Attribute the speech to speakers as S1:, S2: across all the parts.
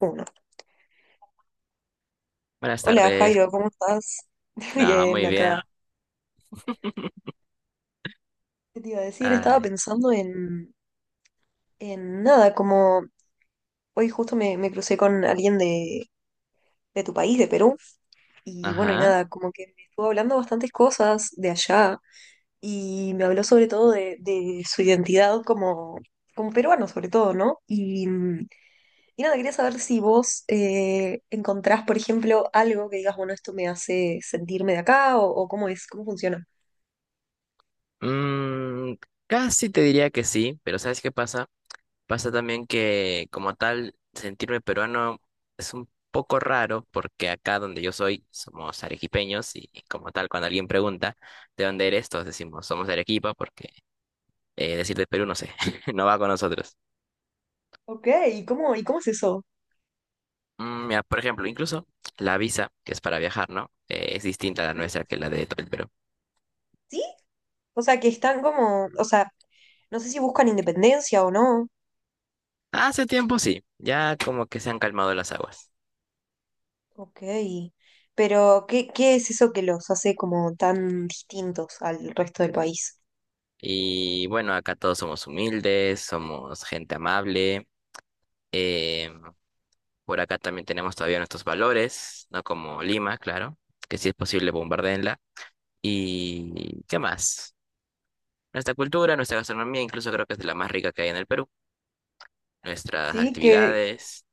S1: Uno.
S2: Buenas
S1: Hola
S2: tardes.
S1: Jairo, ¿cómo estás?
S2: No,
S1: Bien,
S2: muy
S1: acá.
S2: bien.
S1: ¿Qué te iba a decir? Estaba
S2: Ay,
S1: pensando en nada, como hoy justo me crucé con alguien de tu país, de Perú, y bueno, y
S2: ajá.
S1: nada, como que me estuvo hablando bastantes cosas de allá, y me habló sobre todo de su identidad como, como peruano, sobre todo, ¿no? Y nada, quería saber si vos encontrás, por ejemplo, algo que digas, bueno, esto me hace sentirme de acá, o cómo es, cómo funciona.
S2: Mm, Casi te diría que sí, pero ¿sabes qué pasa? Pasa también que como tal sentirme peruano es un poco raro porque acá donde yo soy somos arequipeños y como tal cuando alguien pregunta ¿de dónde eres? Todos decimos somos de Arequipa porque decir de Perú no sé, no va con nosotros.
S1: Ok, y cómo es eso?
S2: Mira, por ejemplo, incluso la visa que es para viajar, ¿no? Es distinta a la
S1: ¿Mm?
S2: nuestra que la de todo el Perú.
S1: ¿Sí? O sea, que están como, o sea, no sé si buscan independencia o no.
S2: Hace tiempo sí, ya como que se han calmado las aguas.
S1: Ok, pero ¿qué, qué es eso que los hace como tan distintos al resto del país?
S2: Y bueno, acá todos somos humildes, somos gente amable. eh, por acá también tenemos todavía nuestros valores, no como Lima, claro, que si es posible bombardeenla. ¿Y qué más? Nuestra cultura, nuestra gastronomía, incluso creo que es de la más rica que hay en el Perú. Nuestras
S1: ¿Sí? ¿Qué,
S2: actividades.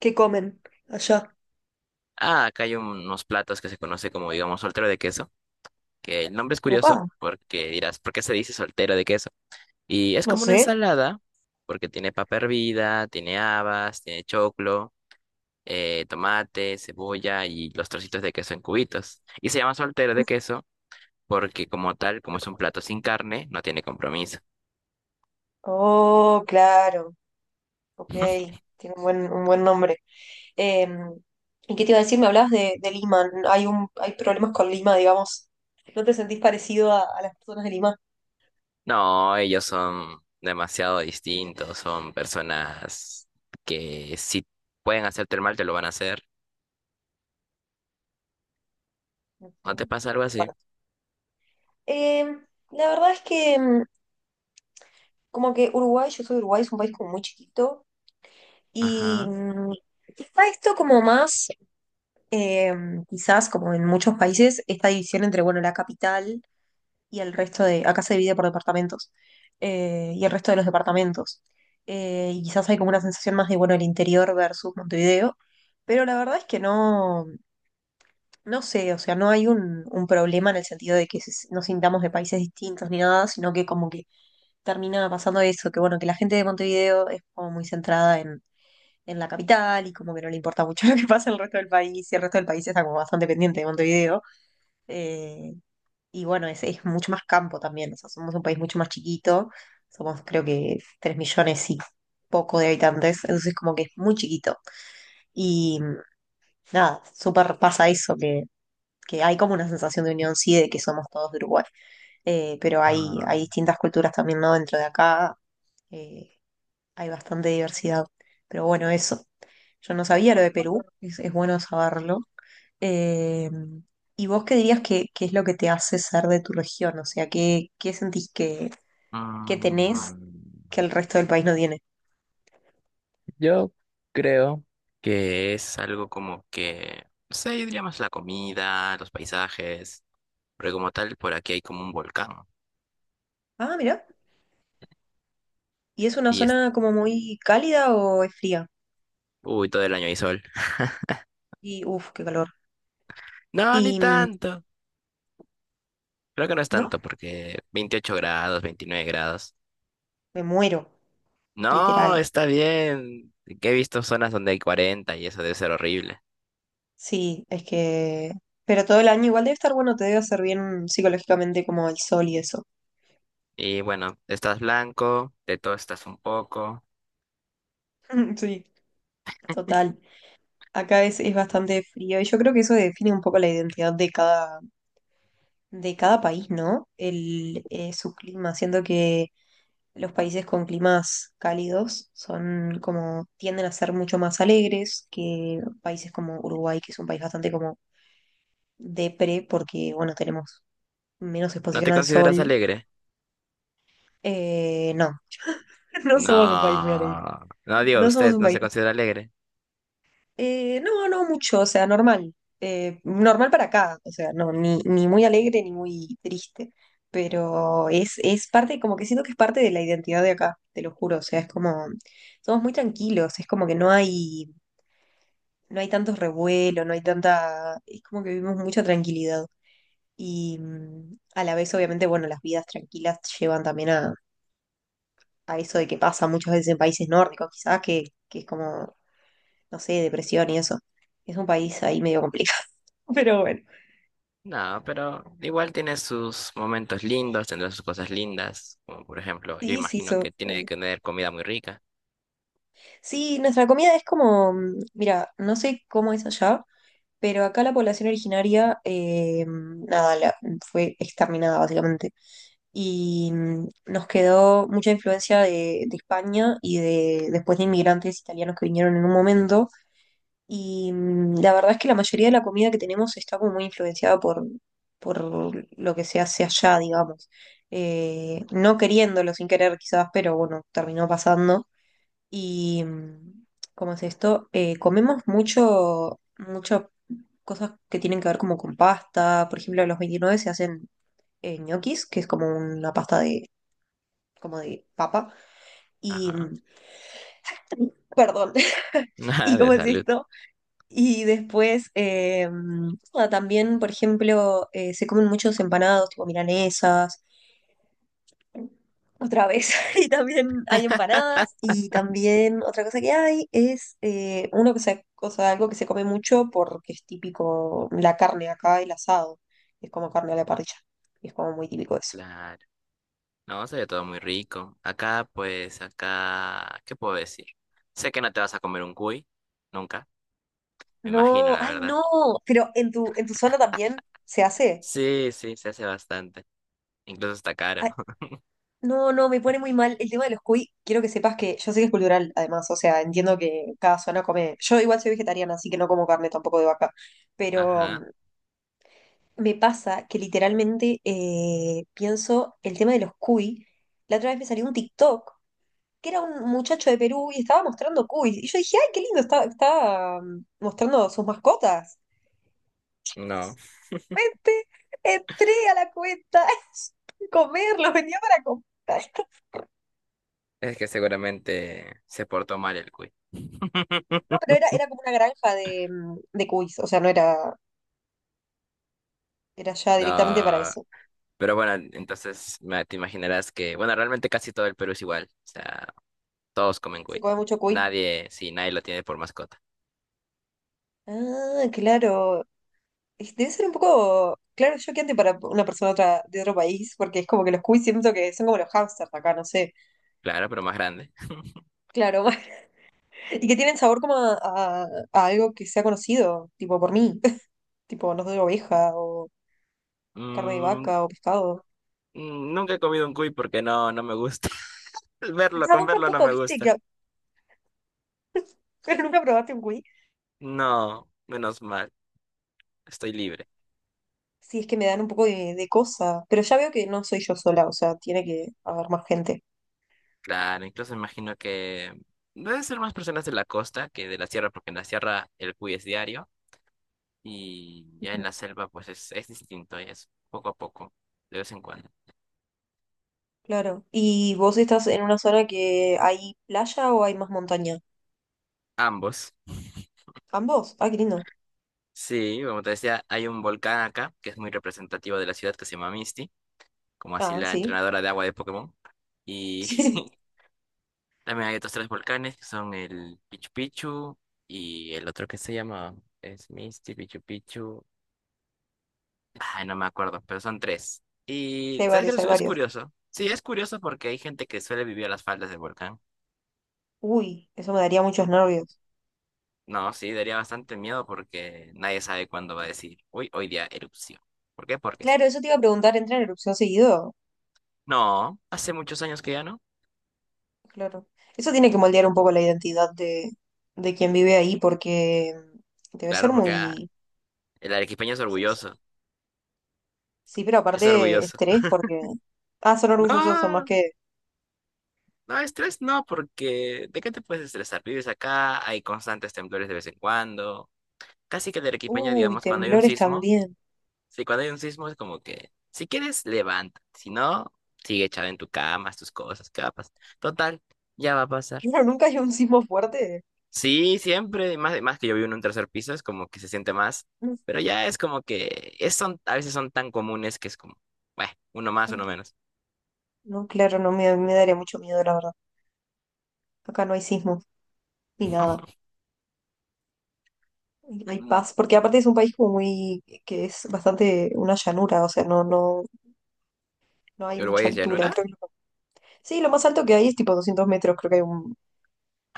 S1: qué comen allá?
S2: Ah, acá hay unos platos que se conoce como, digamos, soltero de queso, que el nombre es curioso
S1: Opa,
S2: porque dirás, ¿por qué se dice soltero de queso? Y es
S1: no
S2: como una
S1: sé.
S2: ensalada, porque tiene papa hervida, tiene habas, tiene choclo, tomate, cebolla y los trocitos de queso en cubitos. Y se llama soltero de
S1: Ujú.
S2: queso porque como tal, como es un plato sin carne, no tiene compromiso.
S1: Oh, claro, ok, tiene un buen nombre. Em, ¿Y qué te iba a decir? Me hablabas de Lima, hay un, hay problemas con Lima, digamos. ¿No te sentís parecido a las personas de Lima?
S2: No, ellos son demasiado distintos, son personas que si pueden hacerte el mal, te lo van a hacer. ¿No te
S1: Ujú.
S2: pasa algo así?
S1: Bueno, em, la verdad es que como que Uruguay, yo soy de Uruguay, es un país como muy chiquito y
S2: Ajá.
S1: está esto como más, quizás como en muchos países, esta división entre, bueno, la capital y el resto de, acá se divide por departamentos y el resto de los departamentos. Y quizás hay como una sensación más de, bueno, el interior versus Montevideo, pero la verdad es que no. No sé, o sea, no hay un problema en el sentido de que si, nos sintamos de países distintos ni nada, sino que como que termina pasando eso, que bueno, que la gente de Montevideo es como muy centrada en la capital y como que no le importa mucho lo que pasa en el resto del país, y el resto del país está como bastante pendiente de Montevideo. eh, y bueno, es mucho más campo también, o sea, somos un país mucho más chiquito, somos creo que 3 millones y poco de habitantes, entonces como que es muy chiquito. Y nada, súper pasa eso, que hay como una sensación de unión, sí, de que somos todos de Uruguay, pero hay,
S2: Ah.
S1: hay distintas culturas también, ¿no? Dentro de acá eh, hay bastante diversidad. Pero bueno, eso. Yo no sabía lo de Perú, es bueno saberlo. Eh, ¿Y vos qué dirías que, qué es lo que te hace ser de tu región? O sea, ¿qué, qué sentís que tenés
S2: Mm.
S1: que el resto del país no tiene?
S2: Yo creo que es algo como que, no sé, yo diría más la comida, los paisajes, porque como tal, por aquí hay como un volcán
S1: Ah, mira. ¿Y es una
S2: y es,
S1: zona como muy cálida o es fría?
S2: uy, todo el año hay sol.
S1: Y uff, qué calor.
S2: No, ni
S1: Y
S2: tanto. Creo que no es
S1: no,
S2: tanto porque 28 grados, 29 grados.
S1: me muero,
S2: No,
S1: literal.
S2: está bien. Que he visto zonas donde hay 40 y eso debe ser horrible.
S1: Sí, es que... Pero todo el año igual debe estar bueno, te debe hacer bien psicológicamente como el sol y eso.
S2: Y bueno, estás blanco, de todo estás un poco.
S1: Sí, total. Acá es bastante frío y yo creo que eso define un poco la identidad de cada país, ¿no? El, su clima, siendo que los países con climas cálidos son como, tienden a ser mucho más alegres que países como Uruguay, que es un país bastante como depre porque, bueno, tenemos menos
S2: ¿No
S1: exposición
S2: te
S1: al
S2: consideras
S1: sol.
S2: alegre?
S1: No, no somos un país muy alegre.
S2: No, no digo,
S1: No somos
S2: usted
S1: un
S2: no se
S1: país.
S2: considera alegre.
S1: No, no mucho, o sea, normal. Normal para acá, o sea, no, ni, ni muy alegre ni muy triste. Pero es parte, como que siento que es parte de la identidad de acá, te lo juro. O sea, es como, somos muy tranquilos, es como que no hay, no hay tantos revuelos, no hay tanta, es como que vivimos mucha tranquilidad. Y a la vez, obviamente, bueno, las vidas tranquilas llevan también a eso de que pasa muchas veces en países nórdicos, quizás, que es como no sé, depresión y eso. Es un país ahí medio complicado. Pero bueno,
S2: No, pero igual tiene sus momentos lindos, tendrá sus cosas lindas, como por ejemplo, yo
S1: sí, sí,
S2: imagino que tiene
S1: obvio.
S2: que tener comida muy rica.
S1: Sí, nuestra comida es como, mira, no sé cómo es allá, pero acá la población originaria, nada, fue exterminada básicamente. Y nos quedó mucha influencia de España y de después de inmigrantes italianos que vinieron en un momento. Y la verdad es que la mayoría de la comida que tenemos está como muy influenciada por lo que se hace allá, digamos. No queriéndolo sin querer quizás, pero bueno, terminó pasando. Y, ¿cómo es esto? Comemos mucho, muchas cosas que tienen que ver como con pasta. Por ejemplo, a los 29 se hacen ñoquis, que es como una pasta de, como de papa. Y,
S2: Ajá.
S1: perdón, ¿y
S2: Nada de
S1: cómo es
S2: salud.
S1: esto? Y después, nada, también, por ejemplo, se comen muchos empanados, tipo milanesas, otra vez, y también hay empanadas, y también otra cosa que hay es uno que se, o algo que se come mucho porque es típico, la carne acá, el asado, es como carne a la parrilla, y es como muy típico eso.
S2: Claro. No, se ve todo muy rico. Acá, pues, acá, ¿qué puedo decir? Sé que no te vas a comer un cuy, nunca, me imagino,
S1: No,
S2: la
S1: ay
S2: verdad.
S1: no, pero en tu zona también se hace.
S2: Sí, sí, se hace bastante. Incluso está caro.
S1: No, no, me pone muy mal el tema de los cuy. Quiero que sepas que yo sé que es cultural, además, o sea, entiendo que cada zona come. Yo igual soy vegetariana, así que no como carne tampoco de vaca, pero
S2: Ajá.
S1: me pasa que literalmente pienso el tema de los cuy. La otra vez me salió un TikTok que era un muchacho de Perú y estaba mostrando cuy. Y yo dije, ay, qué lindo, está, está mostrando sus mascotas.
S2: No,
S1: Vente, entré a la cuenta, comerlo, venía para comprar.
S2: es que seguramente se portó mal el cuy.
S1: No, pero era, era como una granja de, de cuis, o sea, no era, era ya directamente para
S2: No.
S1: eso.
S2: Pero bueno, entonces te imaginarás que, bueno, realmente casi todo el Perú es igual. O sea, todos comen
S1: Se
S2: cuy.
S1: come mucho cuy.
S2: Nadie, sí, nadie lo tiene por mascota.
S1: Ah, claro. Debe ser un poco, claro, choqueante para una persona otra, de otro país, porque es como que los cuis siento que son como los hamsters acá, no sé.
S2: Claro, pero más grande.
S1: Claro, y que tienen sabor como a, a algo que sea conocido, tipo por mí, tipo, no sé, oveja o carne de
S2: Mm,
S1: vaca o pescado.
S2: Nunca he comido un cuy porque no, no me gusta. Verlo,
S1: Ah,
S2: con
S1: vos
S2: verlo no
S1: tampoco
S2: me
S1: viste que
S2: gusta.
S1: nunca probaste un cuy.
S2: No, menos mal. Estoy libre.
S1: Sí, es que me dan un poco de cosa, pero ya veo que no soy yo sola, o sea, tiene que haber más gente.
S2: Claro, incluso imagino que deben ser más personas de la costa que de la sierra, porque en la sierra el cuy es diario y ya en
S1: Ujú.
S2: la selva pues es distinto, es poco a poco, de vez en cuando.
S1: Claro. ¿Y vos estás en una zona que hay playa o hay más montaña?
S2: Ambos.
S1: Ambos. Ah, qué lindo.
S2: Sí, como te decía, hay un volcán acá que es muy representativo de la ciudad que se llama Misty, como así
S1: Ah,
S2: la
S1: sí.
S2: entrenadora de agua de Pokémon. Y también hay otros tres volcanes que son el Pichu Pichu y el otro que se llama es Misty, Pichu Pichu. Ay, no me acuerdo, pero son tres.
S1: Sí,
S2: Y
S1: hay
S2: ¿sabes qué?
S1: varios,
S2: Es
S1: hay
S2: es
S1: varios.
S2: curioso. Sí, es curioso porque hay gente que suele vivir a las faldas del volcán.
S1: Uy, eso me daría muchos nervios.
S2: No, sí, daría bastante miedo porque nadie sabe cuándo va a decir, uy, hoy día erupción. ¿Por qué? Porque sí.
S1: Claro, eso te iba a preguntar, ¿entra en erupción seguido?
S2: No, hace muchos años que ya no.
S1: Claro. Eso tiene que moldear un poco la identidad de quien vive ahí porque debe ser
S2: Claro, porque ah,
S1: muy...
S2: el arequipeño es orgulloso.
S1: Sí, pero
S2: Es
S1: aparte
S2: orgulloso.
S1: estrés porque... Ah, son orgullosos, son más
S2: No,
S1: que...
S2: no, estrés no, porque ¿de qué te puedes estresar? Vives acá, hay constantes temblores de vez en cuando. Casi que el arequipeño,
S1: Uy,
S2: digamos, cuando hay un
S1: temblores
S2: sismo,
S1: también.
S2: sí, cuando hay un sismo es como que, si quieres, levanta. Si no, sigue echado en tu cama, haz tus cosas, capas. Total, ya va a pasar.
S1: No, nunca hay un sismo fuerte.
S2: Sí, siempre, más que yo vivo en un tercer piso, es como que se siente más.
S1: No,
S2: Pero ya es como que es, son, a veces son tan comunes que es como, bueno, uno más,
S1: hay
S2: uno menos.
S1: no, claro, no me, me daría mucho miedo, la verdad. Acá no hay sismo, ni nada. Hay paz, porque aparte es un país como muy, que es bastante una llanura, o sea, no, no, no hay mucha
S2: ¿Uruguay es
S1: altura,
S2: llanura?
S1: creo que no. Sí, lo más alto que hay es tipo 200 metros, creo que hay un,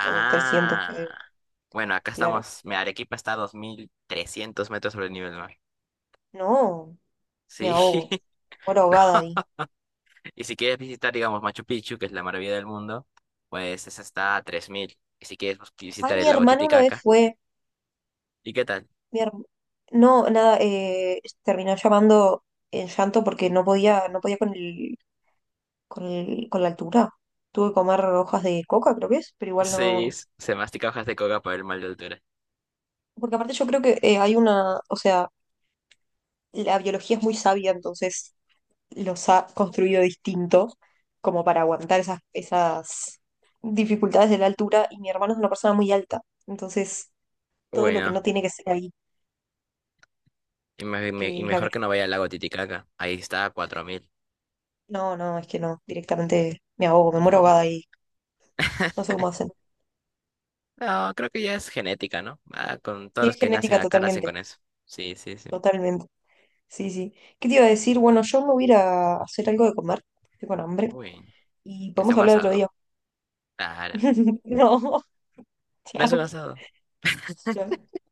S1: o 300 que,
S2: bueno, acá
S1: claro.
S2: estamos. Mi Arequipa está a 2.300 metros sobre el nivel del mar.
S1: No, me
S2: Sí,
S1: ahogo, muero ahogada
S2: no.
S1: ahí.
S2: Y si quieres visitar, digamos, Machu Picchu, que es la maravilla del mundo, pues esa está a 3.000. Y si quieres pues,
S1: Ah,
S2: visitar
S1: mi
S2: el lago
S1: hermana una vez
S2: Titicaca,
S1: fue.
S2: ¿y qué tal?
S1: Mi herm- No, nada, terminó llamando en llanto porque no podía, no podía con el, con la altura. Tuve que comer hojas de coca, creo que es, pero igual
S2: Sí,
S1: no.
S2: se mastica hojas de coca por el mal de altura.
S1: Porque aparte yo creo que hay una, o sea, la biología es muy sabia, entonces los ha construido distintos como para aguantar esas, esas dificultades de la altura. Y mi hermano es una persona muy alta, entonces todo lo que
S2: Bueno,
S1: no tiene que ser ahí, porque
S2: y
S1: es la que...
S2: mejor que no vaya al lago Titicaca. Ahí está a 4.000.
S1: No, no, es que no, directamente me ahogo, me muero ahogada y no sé cómo hacer.
S2: No, creo que ya es genética, ¿no? Ah, con
S1: Sí,
S2: todos los
S1: es
S2: que nacen
S1: genética
S2: acá nacen
S1: totalmente,
S2: con eso. Sí, sí, sí.
S1: totalmente. Sí, sí. ¿Qué te iba a decir? Bueno, yo me voy a ir a hacer algo de comer, estoy con hambre,
S2: Uy,
S1: y
S2: que sea
S1: podemos
S2: un
S1: hablar otro
S2: asado.
S1: día.
S2: Claro,
S1: No,
S2: no es un
S1: chao.
S2: asado.
S1: Chao.